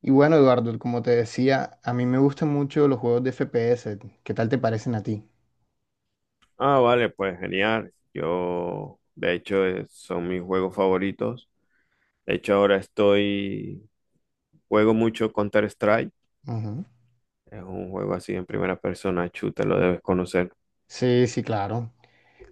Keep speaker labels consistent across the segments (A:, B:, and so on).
A: Y bueno, Eduardo, como te decía, a mí me gustan mucho los juegos de FPS. ¿Qué tal te parecen a ti?
B: Ah, vale, pues genial. Yo, de hecho, son mis juegos favoritos. De hecho, juego mucho Counter-Strike.
A: Ujú.
B: Es un juego así en primera persona, chuta, lo debes conocer.
A: Sí, sí, claro.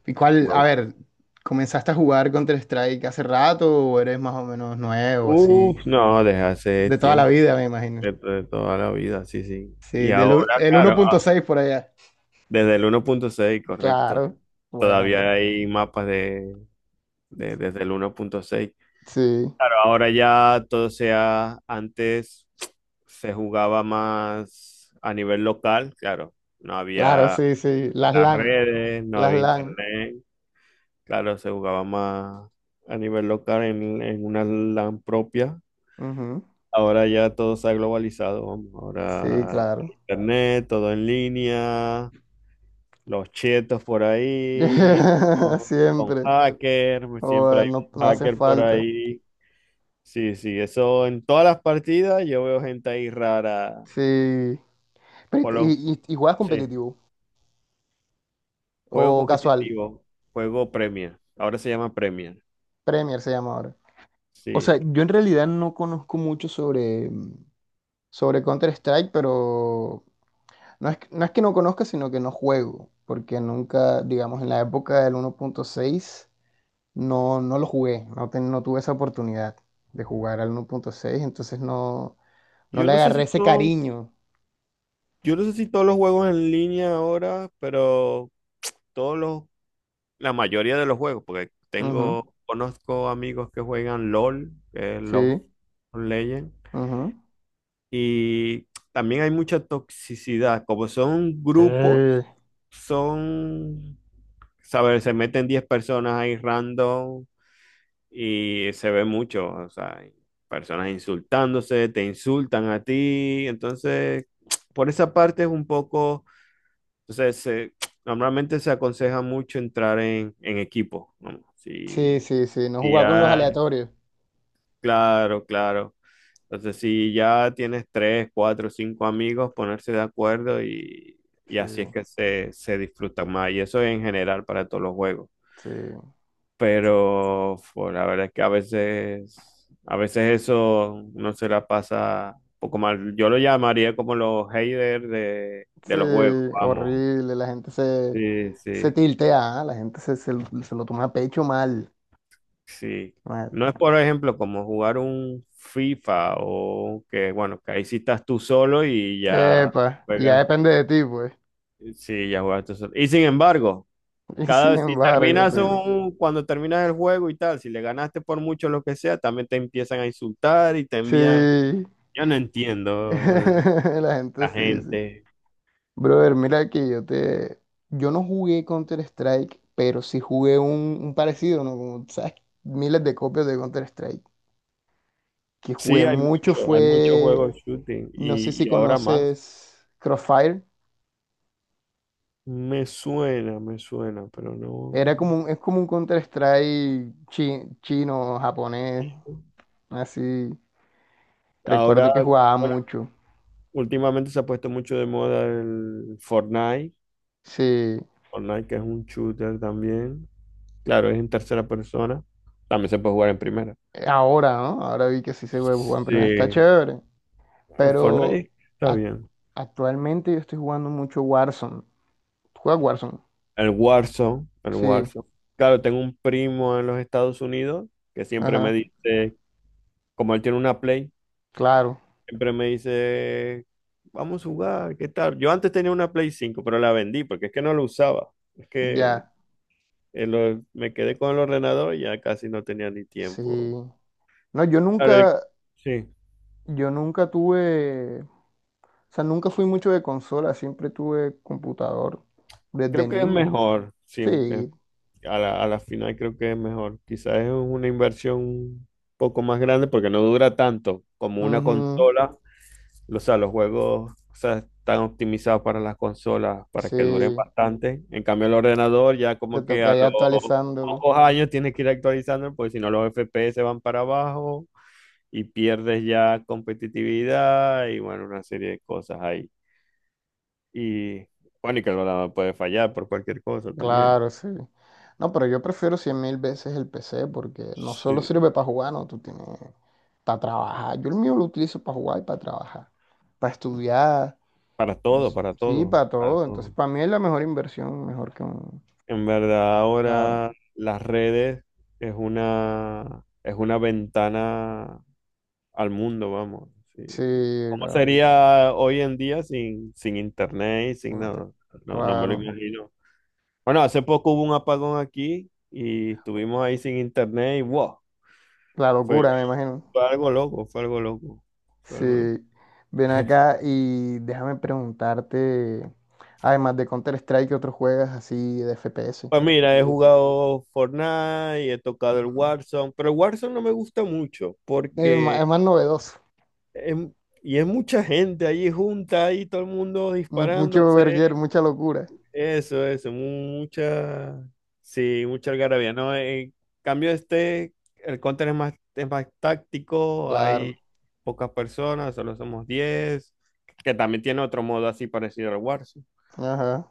A: ¿Y cuál, a
B: No.
A: ver, comenzaste a jugar Counter-Strike hace rato o eres más o menos nuevo, así?
B: Uf, no, desde hace
A: De toda la
B: tiempo,
A: vida, me imagino.
B: de toda la vida, sí, sí. Y
A: Sí, del u-
B: ahora,
A: el uno
B: claro,
A: punto seis por allá.
B: desde el 1.6, correcto.
A: Claro, bueno,
B: Todavía
A: bueno.
B: hay mapas desde el 1.6.
A: Sí,
B: Claro, ahora ya todo sea, antes se jugaba más a nivel local, claro, no
A: claro,
B: había
A: sí, sí. Las
B: las
A: LAN,
B: redes, no
A: las
B: había
A: LAN.
B: internet, claro, se jugaba más a nivel local en una LAN propia.
A: Ujú.
B: Ahora ya todo se ha globalizado, vamos,
A: Sí,
B: ahora
A: claro.
B: internet, todo en línea, los chetos por ahí, con
A: Siempre.
B: hacker, siempre
A: Joder,
B: hay
A: no,
B: un
A: no hacen
B: hacker por
A: falta.
B: ahí. Sí, sí, eso en todas las partidas yo veo gente ahí rara.
A: Sí.
B: Por
A: Pero
B: los,
A: ¿Y juegas
B: sí,
A: competitivo
B: juego
A: o casual?
B: competitivo, juego Premier. Ahora se llama Premier.
A: Premier se llama ahora. O sea,
B: Sí.
A: yo en realidad no conozco mucho sobre, sobre Counter-Strike, pero no es, no es que no conozca, sino que no juego, porque nunca, digamos, en la época del 1.6 no, no lo jugué, no, no tuve esa oportunidad de jugar al 1.6, entonces no, no
B: Yo
A: le
B: no sé
A: agarré
B: si
A: ese
B: todos,
A: cariño.
B: yo no sé si todos los juegos en línea ahora, pero todos los, la mayoría de los juegos, porque
A: Ujú,
B: tengo, conozco amigos que juegan LOL, que es Love
A: sí,
B: Legend,
A: ujú.
B: y también hay mucha toxicidad. Como son
A: Sí,
B: grupos, son ¿sabes? Se meten 10 personas ahí random y se ve mucho, o sea, personas insultándose, te insultan a ti, entonces, por esa parte es un poco, entonces, normalmente se aconseja mucho entrar en equipo, ¿no?
A: sí,
B: Si,
A: sí, sí, no
B: si
A: jugaba con los
B: ya,
A: aleatorios.
B: claro, claro. Entonces, si ya tienes tres, cuatro, cinco amigos, ponerse de acuerdo y
A: Sí,
B: así es que se disfruta más. Y eso en general para todos los juegos.
A: sí.
B: Pero pues, la verdad es que a veces eso no se la pasa un poco mal. Yo lo llamaría como los haters de,
A: Sí,
B: de los juegos, vamos.
A: horrible,
B: Sí,
A: se
B: sí,
A: tiltea, ¿ah? La gente se lo toma a pecho mal,
B: sí.
A: mal.
B: No es, por ejemplo, como jugar un FIFA o que, bueno, que ahí sí estás tú solo y ya
A: Epa, ya
B: juegas,
A: depende de ti, pues.
B: sí, ya juegas tú solo. Y sin embargo,
A: Y
B: cada
A: sin
B: vez si
A: embargo, sí.
B: cuando terminas el juego y tal, si le ganaste por mucho lo que sea, también te empiezan a insultar y te envían.
A: Sí,
B: Yo no entiendo
A: la gente
B: la
A: sí, sí.
B: gente.
A: Brother, mira que yo te... Yo no jugué Counter-Strike, pero sí jugué un parecido, ¿no? Como, ¿sabes? Miles de copias de Counter-Strike. Que
B: Sí,
A: jugué mucho
B: hay muchos
A: fue...
B: juegos de shooting
A: No sé si
B: y ahora más.
A: conoces Crossfire.
B: Me suena, pero
A: Era como
B: no.
A: es como un Counter-Strike chino, japonés, así.
B: Ahora,
A: Recuerdo que jugaba
B: bueno,
A: mucho.
B: últimamente se ha puesto mucho de moda el Fortnite.
A: Sí,
B: Fortnite que es un shooter también. Claro, es en tercera persona. También se puede jugar en primera.
A: ahora, ¿no? Ahora vi que sí se puede jugar en
B: Sí,
A: primera. Está
B: el
A: chévere. Pero
B: Fortnite está
A: ac-
B: bien.
A: actualmente yo estoy jugando mucho Warzone. ¿Juega Warzone?
B: El Warzone, el
A: Sí,
B: Warzone. Claro, tengo un primo en los Estados Unidos que siempre me
A: ajá,
B: dice. Como él tiene una Play,
A: claro,
B: siempre me dice, vamos a jugar, ¿qué tal? Yo antes tenía una Play 5, pero la vendí porque es que no la usaba. Es que
A: ya,
B: me quedé con el ordenador y ya casi no tenía ni
A: sí.
B: tiempo.
A: No,
B: Claro, sí,
A: yo nunca tuve, o sea, nunca fui mucho de consola, siempre tuve computador desde
B: creo que es
A: niño.
B: mejor, sí, es-
A: Sí.
B: a la final creo que es mejor. Quizás es una inversión un poco más grande porque no dura tanto como una
A: Ujú.
B: consola. O sea, los juegos, o sea, están optimizados para las consolas para que duren
A: Sí,
B: bastante. En cambio, el ordenador ya
A: te
B: como que a
A: toca ya
B: los
A: actualizándolo.
B: pocos años tienes que ir actualizando, porque si no los FPS van para abajo y pierdes ya competitividad y bueno, una serie de cosas ahí. Y bueno, y que el ordenador puede fallar por cualquier cosa también.
A: Claro, sí. No, pero yo prefiero cien mil veces el PC porque no solo
B: Sí.
A: sirve para jugar, no, tú tienes para trabajar. Yo el mío lo utilizo para jugar y para trabajar, para estudiar,
B: Para todo,
A: entonces,
B: para
A: sí,
B: todo,
A: para
B: para
A: todo. Entonces,
B: todo.
A: para mí es la mejor inversión, mejor que un...
B: En verdad,
A: Claro,
B: ahora las redes es una ventana al mundo, vamos. Sí.
A: sí,
B: ¿Cómo
A: la-
B: sería hoy en día sin internet y sin nada? No, no me lo
A: claro,
B: imagino. Bueno, hace poco hubo un apagón aquí y estuvimos ahí sin internet y wow,
A: la
B: fue,
A: locura, me imagino.
B: fue algo loco, fue algo loco, fue
A: Sí,
B: algo loco.
A: ven acá y déjame preguntarte, además de Counter-Strike, ¿qué otros juegas así de FPS
B: Pues
A: que te
B: mira, he
A: gusten?
B: jugado Fortnite, he tocado el
A: Ujú.
B: Warzone, pero el Warzone no me gusta mucho
A: Es
B: porque
A: más novedoso,
B: es- y es mucha gente allí junta, ahí todo el mundo
A: mucho
B: disparándose.
A: verguer, mucha locura,
B: Eso, mucha, sí, mucha algarabía, ¿no? En cambio este, el Counter es más táctico,
A: claro.
B: hay pocas personas, solo somos 10 que también tiene otro modo así parecido al Warzone.
A: Ajá.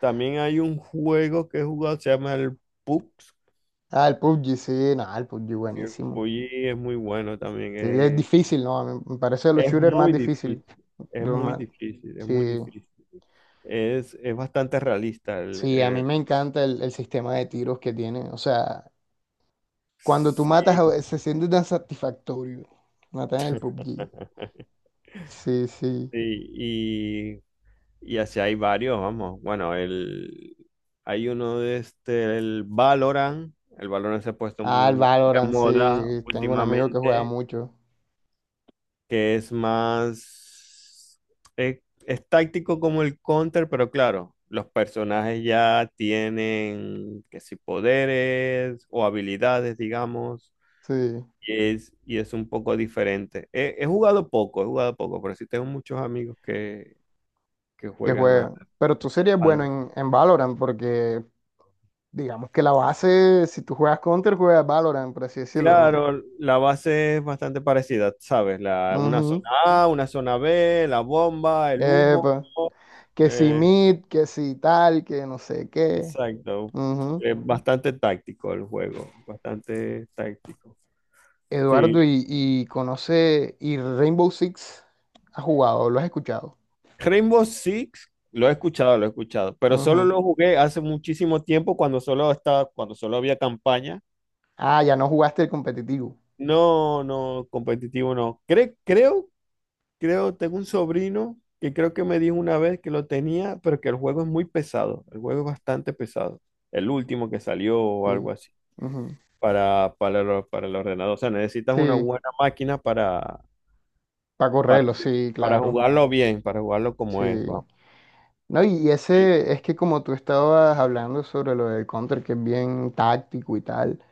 B: También hay un juego que he jugado, se llama el PUBG,
A: Ah, el PUBG, sí, no, el PUBG
B: que el
A: buenísimo.
B: PUBG es muy bueno también,
A: Sí, es
B: es,
A: difícil, ¿no? A mí me parece de los
B: es
A: shooters más
B: muy
A: difícil.
B: difícil,
A: de
B: es
A: los
B: muy
A: más-
B: difícil, es
A: Sí,
B: muy difícil. Es bastante realista
A: sí, a mí me encanta el sistema de tiros que tiene. O sea, cuando tú matas,
B: sí,
A: se siente tan satisfactorio matar en el PUBG. Sí, sí.
B: sí. Y así hay varios, vamos. Bueno, hay uno de este, el Valorant. El Valorant se ha puesto
A: Ah, el
B: muy de
A: Valorant,
B: moda
A: sí. Tengo un amigo que juega
B: últimamente,
A: mucho.
B: que es más. Es táctico como el Counter, pero claro, los personajes ya tienen, que si poderes o habilidades, digamos,
A: Sí,
B: y es un poco diferente. He jugado poco, he jugado poco, pero sí tengo muchos amigos que
A: que
B: juegan a-
A: juega. Pero tú serías bueno
B: al
A: en Valorant porque digamos que la base, si tú juegas Counter, juegas Valorant, por así decirlo, ¿no?
B: Claro, la base es bastante parecida, ¿sabes? Una zona
A: Ujú.
B: A, una zona B, la bomba, el humo.
A: Epa. Que si
B: eh,
A: mid, que si tal, que no sé qué.
B: exacto.
A: Ujú.
B: Es bastante táctico el juego, bastante táctico. Sí.
A: Eduardo, y conoce, y Rainbow Six ha jugado, lo has escuchado.
B: Rainbow Six, lo he escuchado, pero solo
A: Ujú.
B: lo jugué hace muchísimo tiempo cuando solo estaba, cuando solo había campaña.
A: Ah, ya no jugaste el competitivo.
B: No, no, competitivo no. Creo, tengo un sobrino que creo que me dijo una vez que lo tenía, pero que el juego es muy pesado. El juego es bastante pesado. El último que salió o
A: Sí.
B: algo así.
A: Ujú.
B: Para el ordenador. O sea, necesitas una
A: Sí.
B: buena máquina
A: Para
B: para,
A: correrlo, sí,
B: para
A: claro.
B: jugarlo bien, para jugarlo como
A: Sí.
B: es, vamos.
A: No, y
B: Sí.
A: ese es que como tú estabas hablando sobre lo del Counter, que es bien táctico y tal,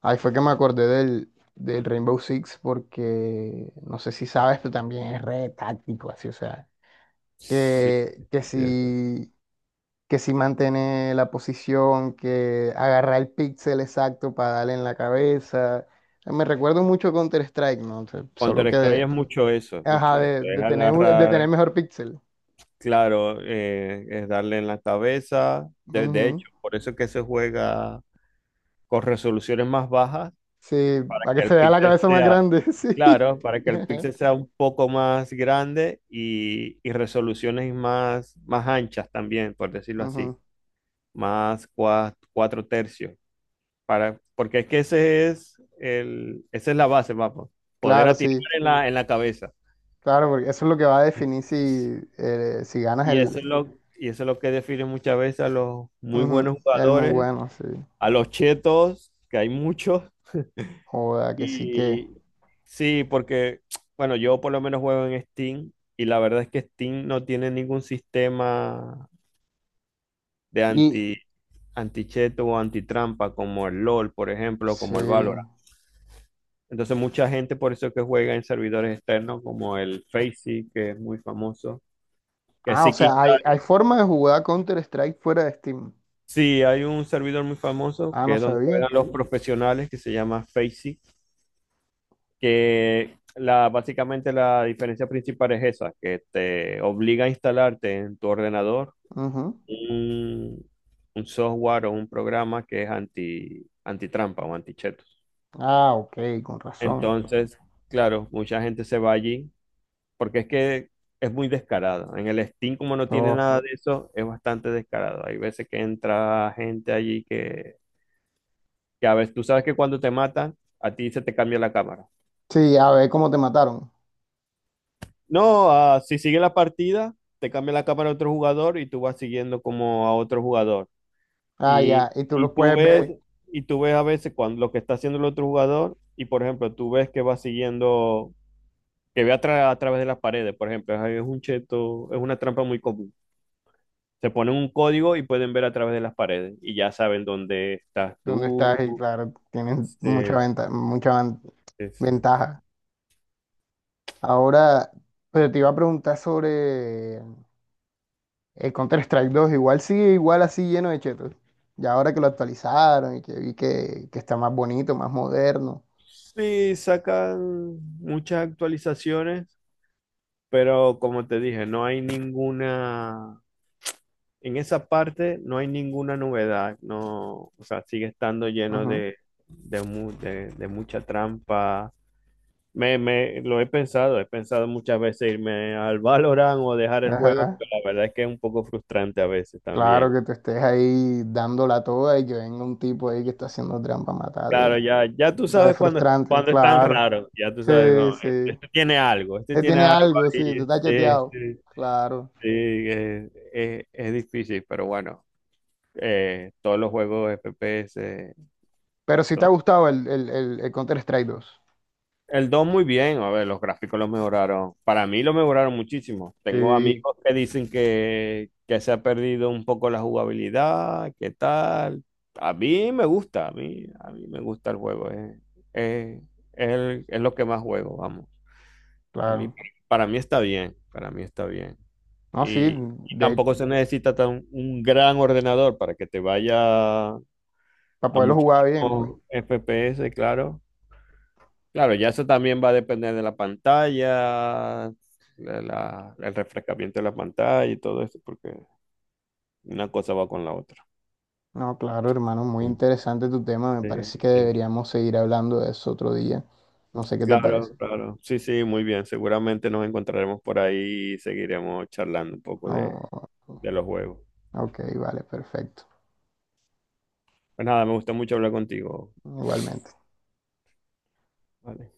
A: ahí fue que me acordé del, del Rainbow Six porque no sé si sabes, pero también es re táctico, así, o sea,
B: Sí,
A: que, que
B: sí, sí. o
A: si, que si mantiene la posición, que agarra el píxel exacto para darle en la cabeza. Me recuerdo mucho Counter-Strike, ¿no? O sea, solo que,
B: Counter-Strike es mucho eso, es
A: ajá,
B: mucho eso. Es
A: de tener, de tener
B: agarrar,
A: mejor píxel.
B: claro, es darle en la cabeza. De
A: Ujú.
B: hecho, por eso es que se juega con resoluciones más bajas
A: Sí, para que
B: que el
A: se vea la
B: píxel
A: cabeza más
B: sea,
A: grande, sí.
B: claro, para que el píxel sea un poco más grande y resoluciones más anchas también, por decirlo así,
A: Ujú,
B: más cuatro tercios, porque es que ese es esa es la base, vamos, poder
A: claro,
B: atinar
A: sí,
B: en la cabeza.
A: claro, porque eso es lo que va a definir si, si ganas
B: Y
A: el,
B: eso es lo, y eso es lo que define muchas veces a los muy
A: ujú,
B: buenos
A: el muy
B: jugadores,
A: bueno, sí.
B: a los chetos, que hay muchos.
A: Joda, que sí que.
B: Y sí, porque, bueno, yo por lo menos juego en Steam y la verdad es que Steam no tiene ningún sistema de
A: Y
B: anticheto o antitrampa como el LOL, por ejemplo,
A: sí.
B: como el Valorant. Entonces mucha gente por eso que juega en servidores externos como el Faceit, que es muy famoso. Que
A: Ah, o
B: sí, que-
A: sea, hay forma de jugar Counter-Strike fuera de Steam.
B: sí, hay un servidor muy famoso
A: Ah, no
B: que es donde
A: sabía.
B: juegan los profesionales que se llama Faceit, que básicamente la diferencia principal es esa, que te obliga a instalarte en tu ordenador
A: Ujú.
B: un, un software o un programa que es antitrampa o antichetos.
A: Ah, ok, con razón.
B: Entonces, claro, mucha gente se va allí porque es que es muy descarado. En el Steam, como no tiene
A: Uf.
B: nada de eso, es bastante descarado. Hay veces que entra gente allí que a veces tú sabes que cuando te matan, a ti se te cambia la cámara.
A: Sí, a ver cómo te mataron.
B: No, si sigue la partida, te cambia la cámara a otro jugador y tú vas siguiendo como a otro jugador.
A: Ah, ya,
B: Y,
A: y tú
B: y
A: los
B: tú
A: puedes
B: ves,
A: ver
B: y tú ves a veces cuando lo que está haciendo el otro jugador, y por ejemplo, tú ves que va siguiendo, que ve a través de las paredes, por ejemplo, es un cheto, es una trampa muy común. Se ponen un código y pueden ver a través de las paredes y ya saben dónde estás
A: dónde estás y
B: tú.
A: claro, tienen mucha
B: eh,
A: venta,
B: Sí, sí.
A: ventaja. Ahora, pero te iba a preguntar sobre el Counter-Strike 2. Igual sigue igual así lleno de chetos. Ya ahora que lo actualizaron y que vi que está más bonito, más moderno.
B: Sí, sacan muchas actualizaciones. Pero como te dije, no hay ninguna, en esa parte no hay ninguna novedad, no, o sea, sigue estando lleno
A: Ujú.
B: de mucha trampa. Lo he pensado muchas veces irme al Valorant o dejar el juego, pero
A: Ajá.
B: la verdad es que es un poco frustrante a veces
A: Claro
B: también.
A: que te estés ahí dándola toda y que venga un tipo ahí que está haciendo trampa, matarte.
B: Claro, ya tú
A: Re
B: sabes cuando,
A: frustrante,
B: cuando es tan
A: claro.
B: raro, ya tú sabes,
A: Sí,
B: no, este,
A: sí.
B: este tiene algo, este tiene
A: Tiene
B: algo
A: algo, sí, te
B: ahí,
A: está
B: sí,
A: chateado.
B: sí,
A: Claro.
B: sí. Es difícil, pero bueno. Todos los juegos FPS eh,
A: Pero si te ha
B: son.
A: gustado el Counter-Strike 2.
B: El 2 muy bien, a ver, los gráficos lo mejoraron. Para mí lo mejoraron muchísimo. Tengo
A: Sí,
B: amigos que dicen que se ha perdido un poco la jugabilidad, qué tal. A mí me gusta, a mí me gusta el juego. Eh, es lo que más juego, vamos. A mí,
A: claro.
B: para mí está bien, para mí está bien.
A: No, sí,
B: Y
A: de
B: tampoco se necesita un gran ordenador para que te vaya a
A: para poderlo jugar bien, pues.
B: muchísimos FPS, claro. Claro, ya eso también va a depender de la pantalla, el refrescamiento de la pantalla y todo eso, porque una cosa va con la otra.
A: No, claro, hermano, muy interesante tu tema. Me
B: Sí,
A: parece que
B: sí.
A: deberíamos seguir hablando de eso otro día. No sé qué te parece.
B: Claro, claro. Sí, sí, muy bien. Seguramente nos encontraremos por ahí y seguiremos charlando un poco de,
A: Oh,
B: de los juegos.
A: ok, vale, perfecto.
B: Pues nada, me gustó mucho hablar contigo.
A: Igualmente.
B: Vale.